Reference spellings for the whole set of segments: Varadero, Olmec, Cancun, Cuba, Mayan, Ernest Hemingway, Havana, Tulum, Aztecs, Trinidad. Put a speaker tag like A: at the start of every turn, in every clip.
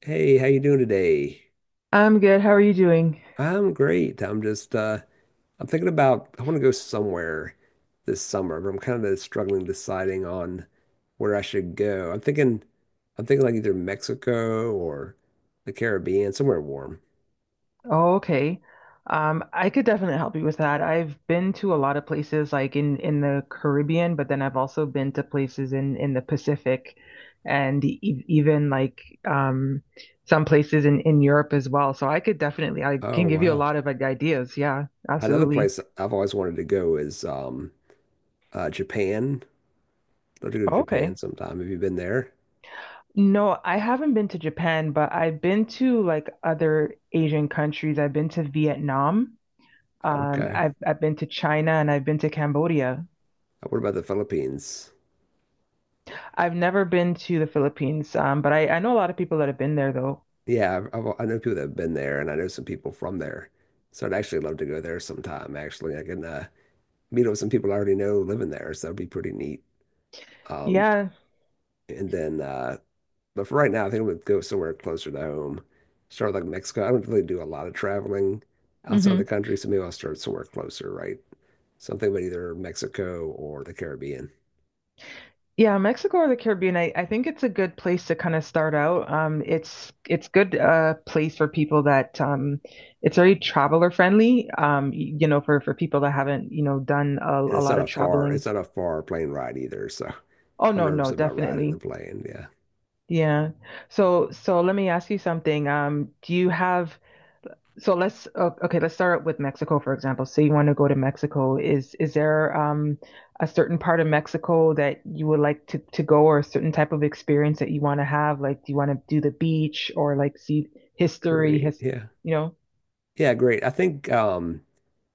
A: Hey, how you doing today?
B: I'm good. How are you doing?
A: I'm great. I'm just I'm thinking about I want to go somewhere this summer, but I'm kind of struggling deciding on where I should go. I'm thinking like either Mexico or the Caribbean, somewhere warm.
B: Oh, okay. I could definitely help you with that. I've been to a lot of places like in the Caribbean, but then I've also been to places in the Pacific and e even like some places in Europe as well. So I could definitely I
A: Oh,
B: can give you a
A: wow.
B: lot of like, ideas. Yeah,
A: Another
B: absolutely.
A: place I've always wanted to go is Japan. I'd love to go to Japan
B: Okay.
A: sometime. Have you been there?
B: No, I haven't been to Japan, but I've been to like other Asian countries. I've been to Vietnam.
A: Okay.
B: I've been to China and I've been to Cambodia.
A: What about the Philippines?
B: I've never been to the Philippines, but I know a lot of people that have been there though.
A: Yeah, I know people that have been there, and I know some people from there. So I'd actually love to go there sometime. Actually, I can meet up with some people I already know living there, so that'd be pretty neat. Um,
B: Yeah,
A: and then, but for right now, I think I'm gonna go somewhere closer to home. Start like Mexico. I don't really do a lot of traveling outside
B: hmm
A: the country, so maybe I'll start somewhere closer, right? Something about either Mexico or the Caribbean.
B: yeah, Mexico or the Caribbean, I think it's a good place to kind of start out. It's good place for people that it's very traveler friendly. You know, for people that haven't, done
A: And
B: a lot of traveling.
A: it's not a far plane ride either, so
B: Oh
A: I'm
B: no,
A: nervous
B: no,
A: about riding the
B: definitely.
A: plane. Yeah,
B: Yeah. So let me ask you something. Do you have So let's start with Mexico, for example. So you want to go to Mexico. Is there a certain part of Mexico that you would like to go or a certain type of experience that you want to have? Like, do you want to do the beach or like see history?
A: great. Yeah.
B: You know,
A: Yeah, great. I think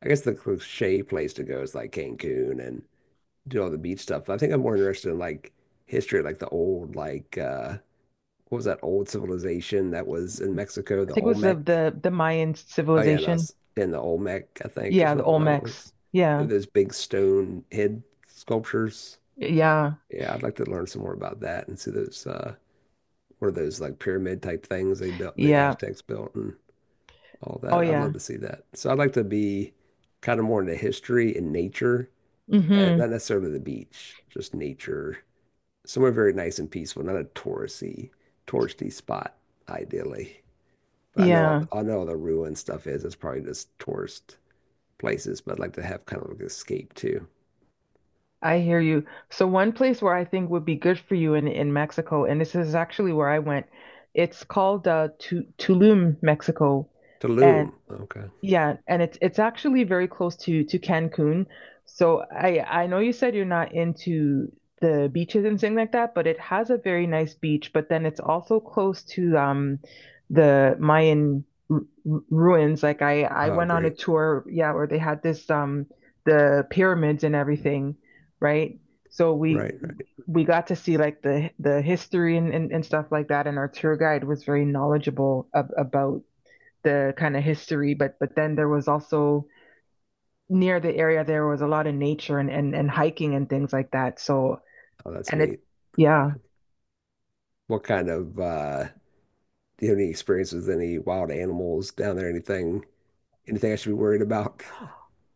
A: I guess the cliche place to go is like Cancun and do all the beach stuff. But I think I'm more interested in like history, like the old like what was that old civilization that was in Mexico,
B: I
A: the
B: think it was of
A: Olmec?
B: the Mayan
A: Oh yeah, and
B: civilization.
A: that's in the Olmec, I think is
B: Yeah, the
A: another one I
B: Olmecs.
A: was. Yeah,
B: Yeah.
A: those big stone head sculptures.
B: Yeah.
A: Yeah, I'd like to learn some more about that and see those what are those like pyramid type things they built the
B: Yeah.
A: Aztecs built and all
B: Oh
A: that. I'd love
B: yeah.
A: to see that. So I'd like to be kind of more into history and nature, and
B: Mm-hmm.
A: not necessarily the beach, just nature, somewhere very nice and peaceful, not touristy spot, ideally. But I know
B: Yeah.
A: I know all the ruin stuff is. It's probably just tourist places, but I'd like to have kind of like an escape too.
B: I hear you. So one place where I think would be good for you in Mexico, and this is actually where I went. It's called Tulum, Mexico, Mm. and
A: Tulum. Okay.
B: yeah, and it's actually very close to Cancun. So I know you said you're not into the beaches and things like that, but it has a very nice beach. But then it's also close to the Mayan ruins. Like I
A: Oh,
B: went on a
A: great.
B: tour, yeah, where they had this the pyramids and everything, right? So we
A: Right, right.
B: we got to see like the history and stuff like that, and our tour guide was very knowledgeable ab about the kind of history, but then there was also near the area there was a lot of nature and hiking and things like that. So
A: Oh, that's
B: and it's,
A: neat.
B: yeah.
A: Okay. What kind of do you have any experience with any wild animals down there? Anything I should be worried about?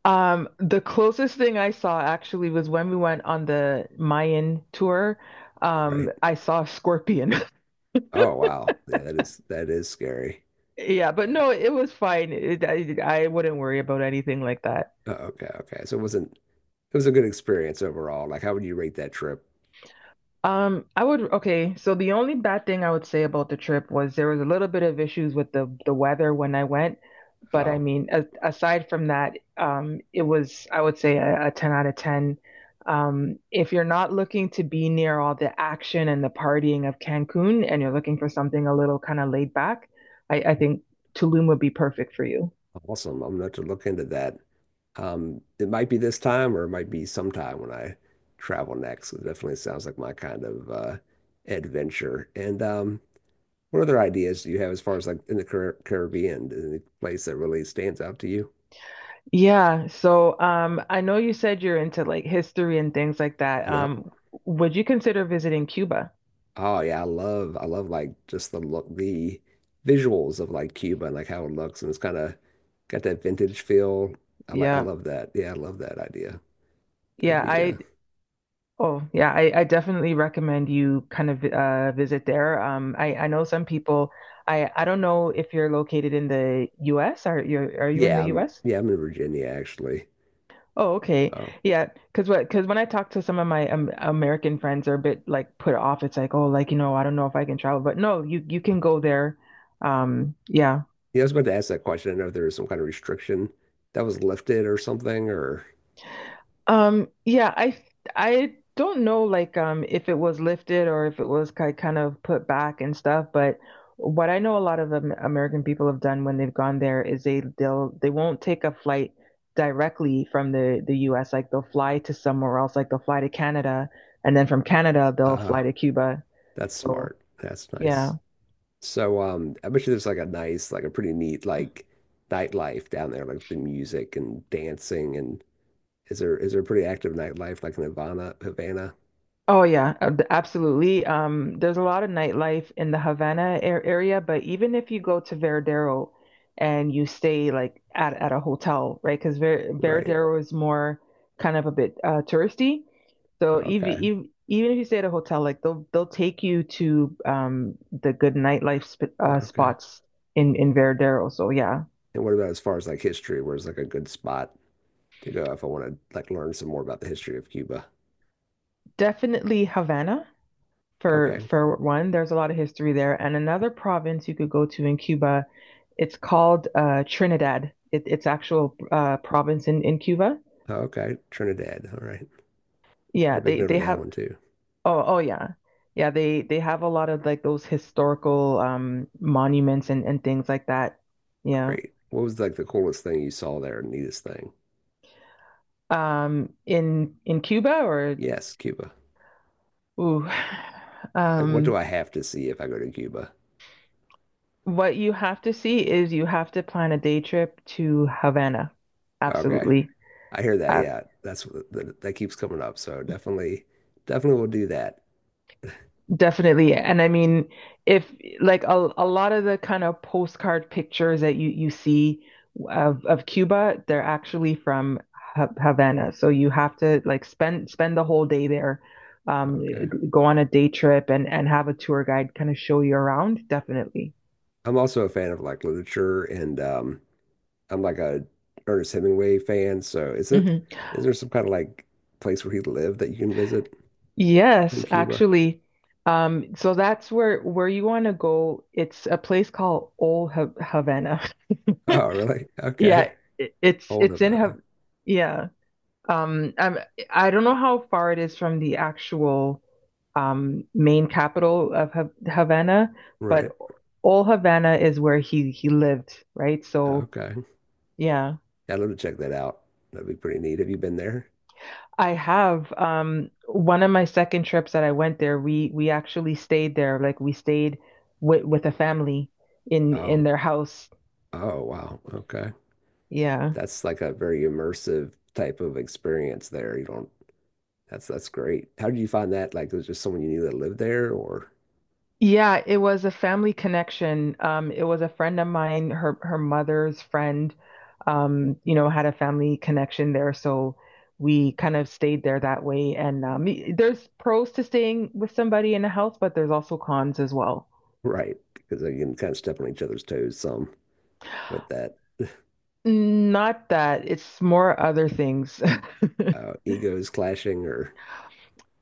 B: The closest thing I saw actually was when we went on the Mayan tour.
A: Right.
B: I saw a scorpion.
A: Oh wow. Yeah, that is scary.
B: Yeah, but
A: Yeah.
B: no, it was fine. I wouldn't worry about anything like that.
A: Oh, okay, okay. So it wasn't it was a good experience overall. Like how would you rate that trip?
B: I would okay. So the only bad thing I would say about the trip was there was a little bit of issues with the weather when I went, but I
A: Oh,
B: mean, aside from that, it was, I would say, a 10 out of 10. If you're not looking to be near all the action and the partying of Cancun and you're looking for something a little kind of laid back, I think Tulum would be perfect for you.
A: awesome. I'm gonna have to look into that. It might be this time or it might be sometime when I travel next. It definitely sounds like my kind of adventure. And what other ideas do you have as far as like in the Caribbean, any place that really stands out to you?
B: Yeah. So I know you said you're into like history and things like that.
A: Yep.
B: Would you consider visiting Cuba?
A: Oh yeah, I love like just the look, the visuals of like Cuba and like how it looks and it's kind of got that vintage feel. I
B: Yeah.
A: love that. Yeah, I love that idea. That'd
B: Yeah.
A: be
B: I Oh, yeah, I definitely recommend you kind of visit there. I know some people, I don't know if you're located in the US. Are you in the US?
A: yeah, I'm in Virginia actually.
B: Oh, okay.
A: Oh.
B: Yeah, because when I talk to some of my American friends, they're a bit like put off. It's like, oh, like I don't know if I can travel, but no, you can go there. Yeah.
A: Yeah, I was about to ask that question. I know if there was some kind of restriction that was lifted or something or
B: Yeah, I don't know like if it was lifted or if it was ki kind of put back and stuff, but what I know a lot of Am American people have done when they've gone there is they won't take a flight directly from the US, like they'll fly to somewhere else, like they'll fly to Canada and then from Canada they'll
A: uh
B: fly to Cuba.
A: that's
B: So,
A: smart. That's
B: yeah.
A: nice. So I bet you there's like a nice, like a pretty neat like nightlife down there, like the music and dancing and is there a pretty active nightlife like in Havana?
B: Oh yeah, absolutely. There's a lot of nightlife in the Havana ar area, but even if you go to Veradero and you stay like at a hotel, right? Because
A: Right.
B: Veradero is more kind of a bit touristy. So even
A: Okay.
B: even even if you stay at a hotel, like they'll take you to the good nightlife sp
A: Okay.
B: spots in Veradero. So yeah,
A: And what about as far as like history? Where's like a good spot to go if I want to like learn some more about the history of Cuba?
B: definitely Havana for
A: Okay.
B: for one. There's a lot of history there, and another province you could go to in Cuba. It's called Trinidad. It's actual province in Cuba.
A: Okay. Trinidad. All right. To
B: Yeah,
A: make
B: they
A: note
B: they
A: of that
B: have.
A: one too.
B: Oh, yeah, yeah. They have a lot of like those historical monuments and things like that. Yeah.
A: Great. What was like the coolest thing you saw there, neatest thing?
B: In Cuba or?
A: Yes, Cuba.
B: Ooh.
A: Like what do
B: um,
A: I have to see if I go to Cuba?
B: what you have to see is you have to plan a day trip to Havana.
A: Okay.
B: Absolutely.
A: I hear that.
B: Uh,
A: Yeah, that, that keeps coming up. So definitely, definitely will do that.
B: Definitely. And I mean, if like a lot of the kind of postcard pictures that you see of Cuba, they're actually from Havana. So you have to like spend the whole day there,
A: Okay.
B: go on a day trip and have a tour guide kind of show you around. Definitely.
A: I'm also a fan of like literature, and I'm like a Ernest Hemingway fan. So is it
B: Hmm.
A: is there some kind of like place where he lived that you can visit in
B: Yes,
A: Cuba?
B: actually. So that's where you want to go. It's a place called Old Havana.
A: Oh, really?
B: Yeah,
A: Okay.
B: it, it's
A: Old
B: it's in
A: about
B: Hav,
A: it.
B: yeah. Um, I'm, I don't know how far it is from the actual main capital of Havana,
A: Right.
B: but all Havana is where he lived, right? So
A: Okay.
B: yeah,
A: I'd love to check that out. That'd be pretty neat. Have you been there?
B: I have one of my second trips that I went there. We actually stayed there, like we stayed with a family in
A: Oh.
B: their house.
A: Oh, wow. Okay.
B: Yeah.
A: That's like a very immersive type of experience there. You don't that's great. How did you find that? Like, was just someone you knew that lived there, or
B: Yeah, it was a family connection. It was a friend of mine, her mother's friend, had a family connection there, so we kind of stayed there that way. And there's pros to staying with somebody in a house, but there's also cons as well.
A: right? Because you can kind of step on each other's toes some with that
B: Not that, it's more other things.
A: egos clashing, or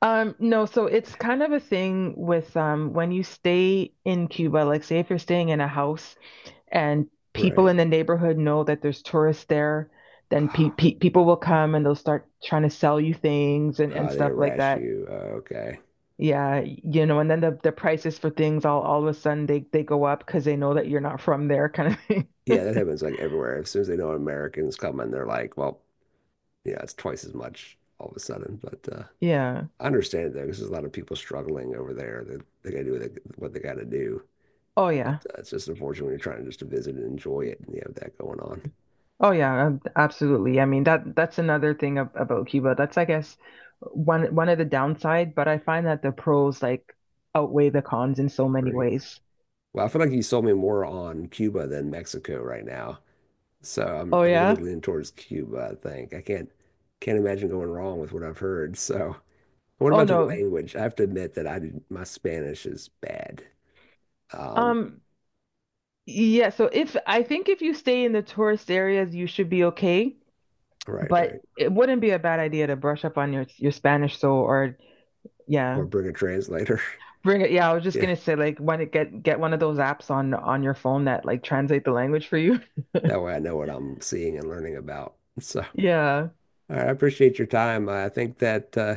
B: No, so it's kind of a thing with when you stay in Cuba, like say if you're staying in a house. And people
A: right?
B: in the neighborhood know that there's tourists there, then pe
A: Ah,
B: pe people will come and they'll start trying to sell you things and
A: ah, they
B: stuff like
A: harass
B: that.
A: you. Okay,
B: Yeah, and then the prices for things all of a sudden they go up because they know that you're not from there kind of thing.
A: yeah, that happens like everywhere. As soon as they know Americans come and they're like, well, yeah, it's twice as much all of a sudden. But
B: Yeah.
A: I understand it though, because there's a lot of people struggling over there. That they got to do what what they got to do.
B: Oh
A: But
B: yeah.
A: it's just unfortunate when you're trying just to visit and enjoy it, and you have that going on.
B: Oh yeah, absolutely. I mean that's another thing ab about Cuba. That's I guess one of the downside, but I find that the pros like outweigh the cons in so many
A: Great.
B: ways.
A: Well, I feel like you sold me more on Cuba than Mexico right now. So
B: Oh
A: I'm really
B: yeah?
A: leaning towards Cuba, I think. I can't imagine going wrong with what I've heard. So what
B: Oh
A: about the
B: no.
A: language? I have to admit that I did, my Spanish is bad. Um,
B: Um Yeah, so if I think if you stay in the tourist areas, you should be okay,
A: right, right.
B: but it wouldn't be a bad idea to brush up on your Spanish so or yeah.
A: Or bring a translator.
B: Bring it. Yeah, I was just
A: Yeah.
B: gonna say like want to get one of those apps on your phone that like translate the language for you.
A: That way I know what I'm seeing and learning about. So
B: Yeah.
A: all right, I appreciate your time. I think that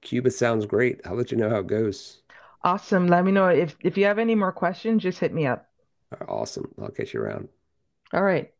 A: Cuba sounds great. I'll let you know how it goes.
B: Awesome. Let me know if you have any more questions, just hit me up.
A: Awesome. I'll catch you around.
B: All right.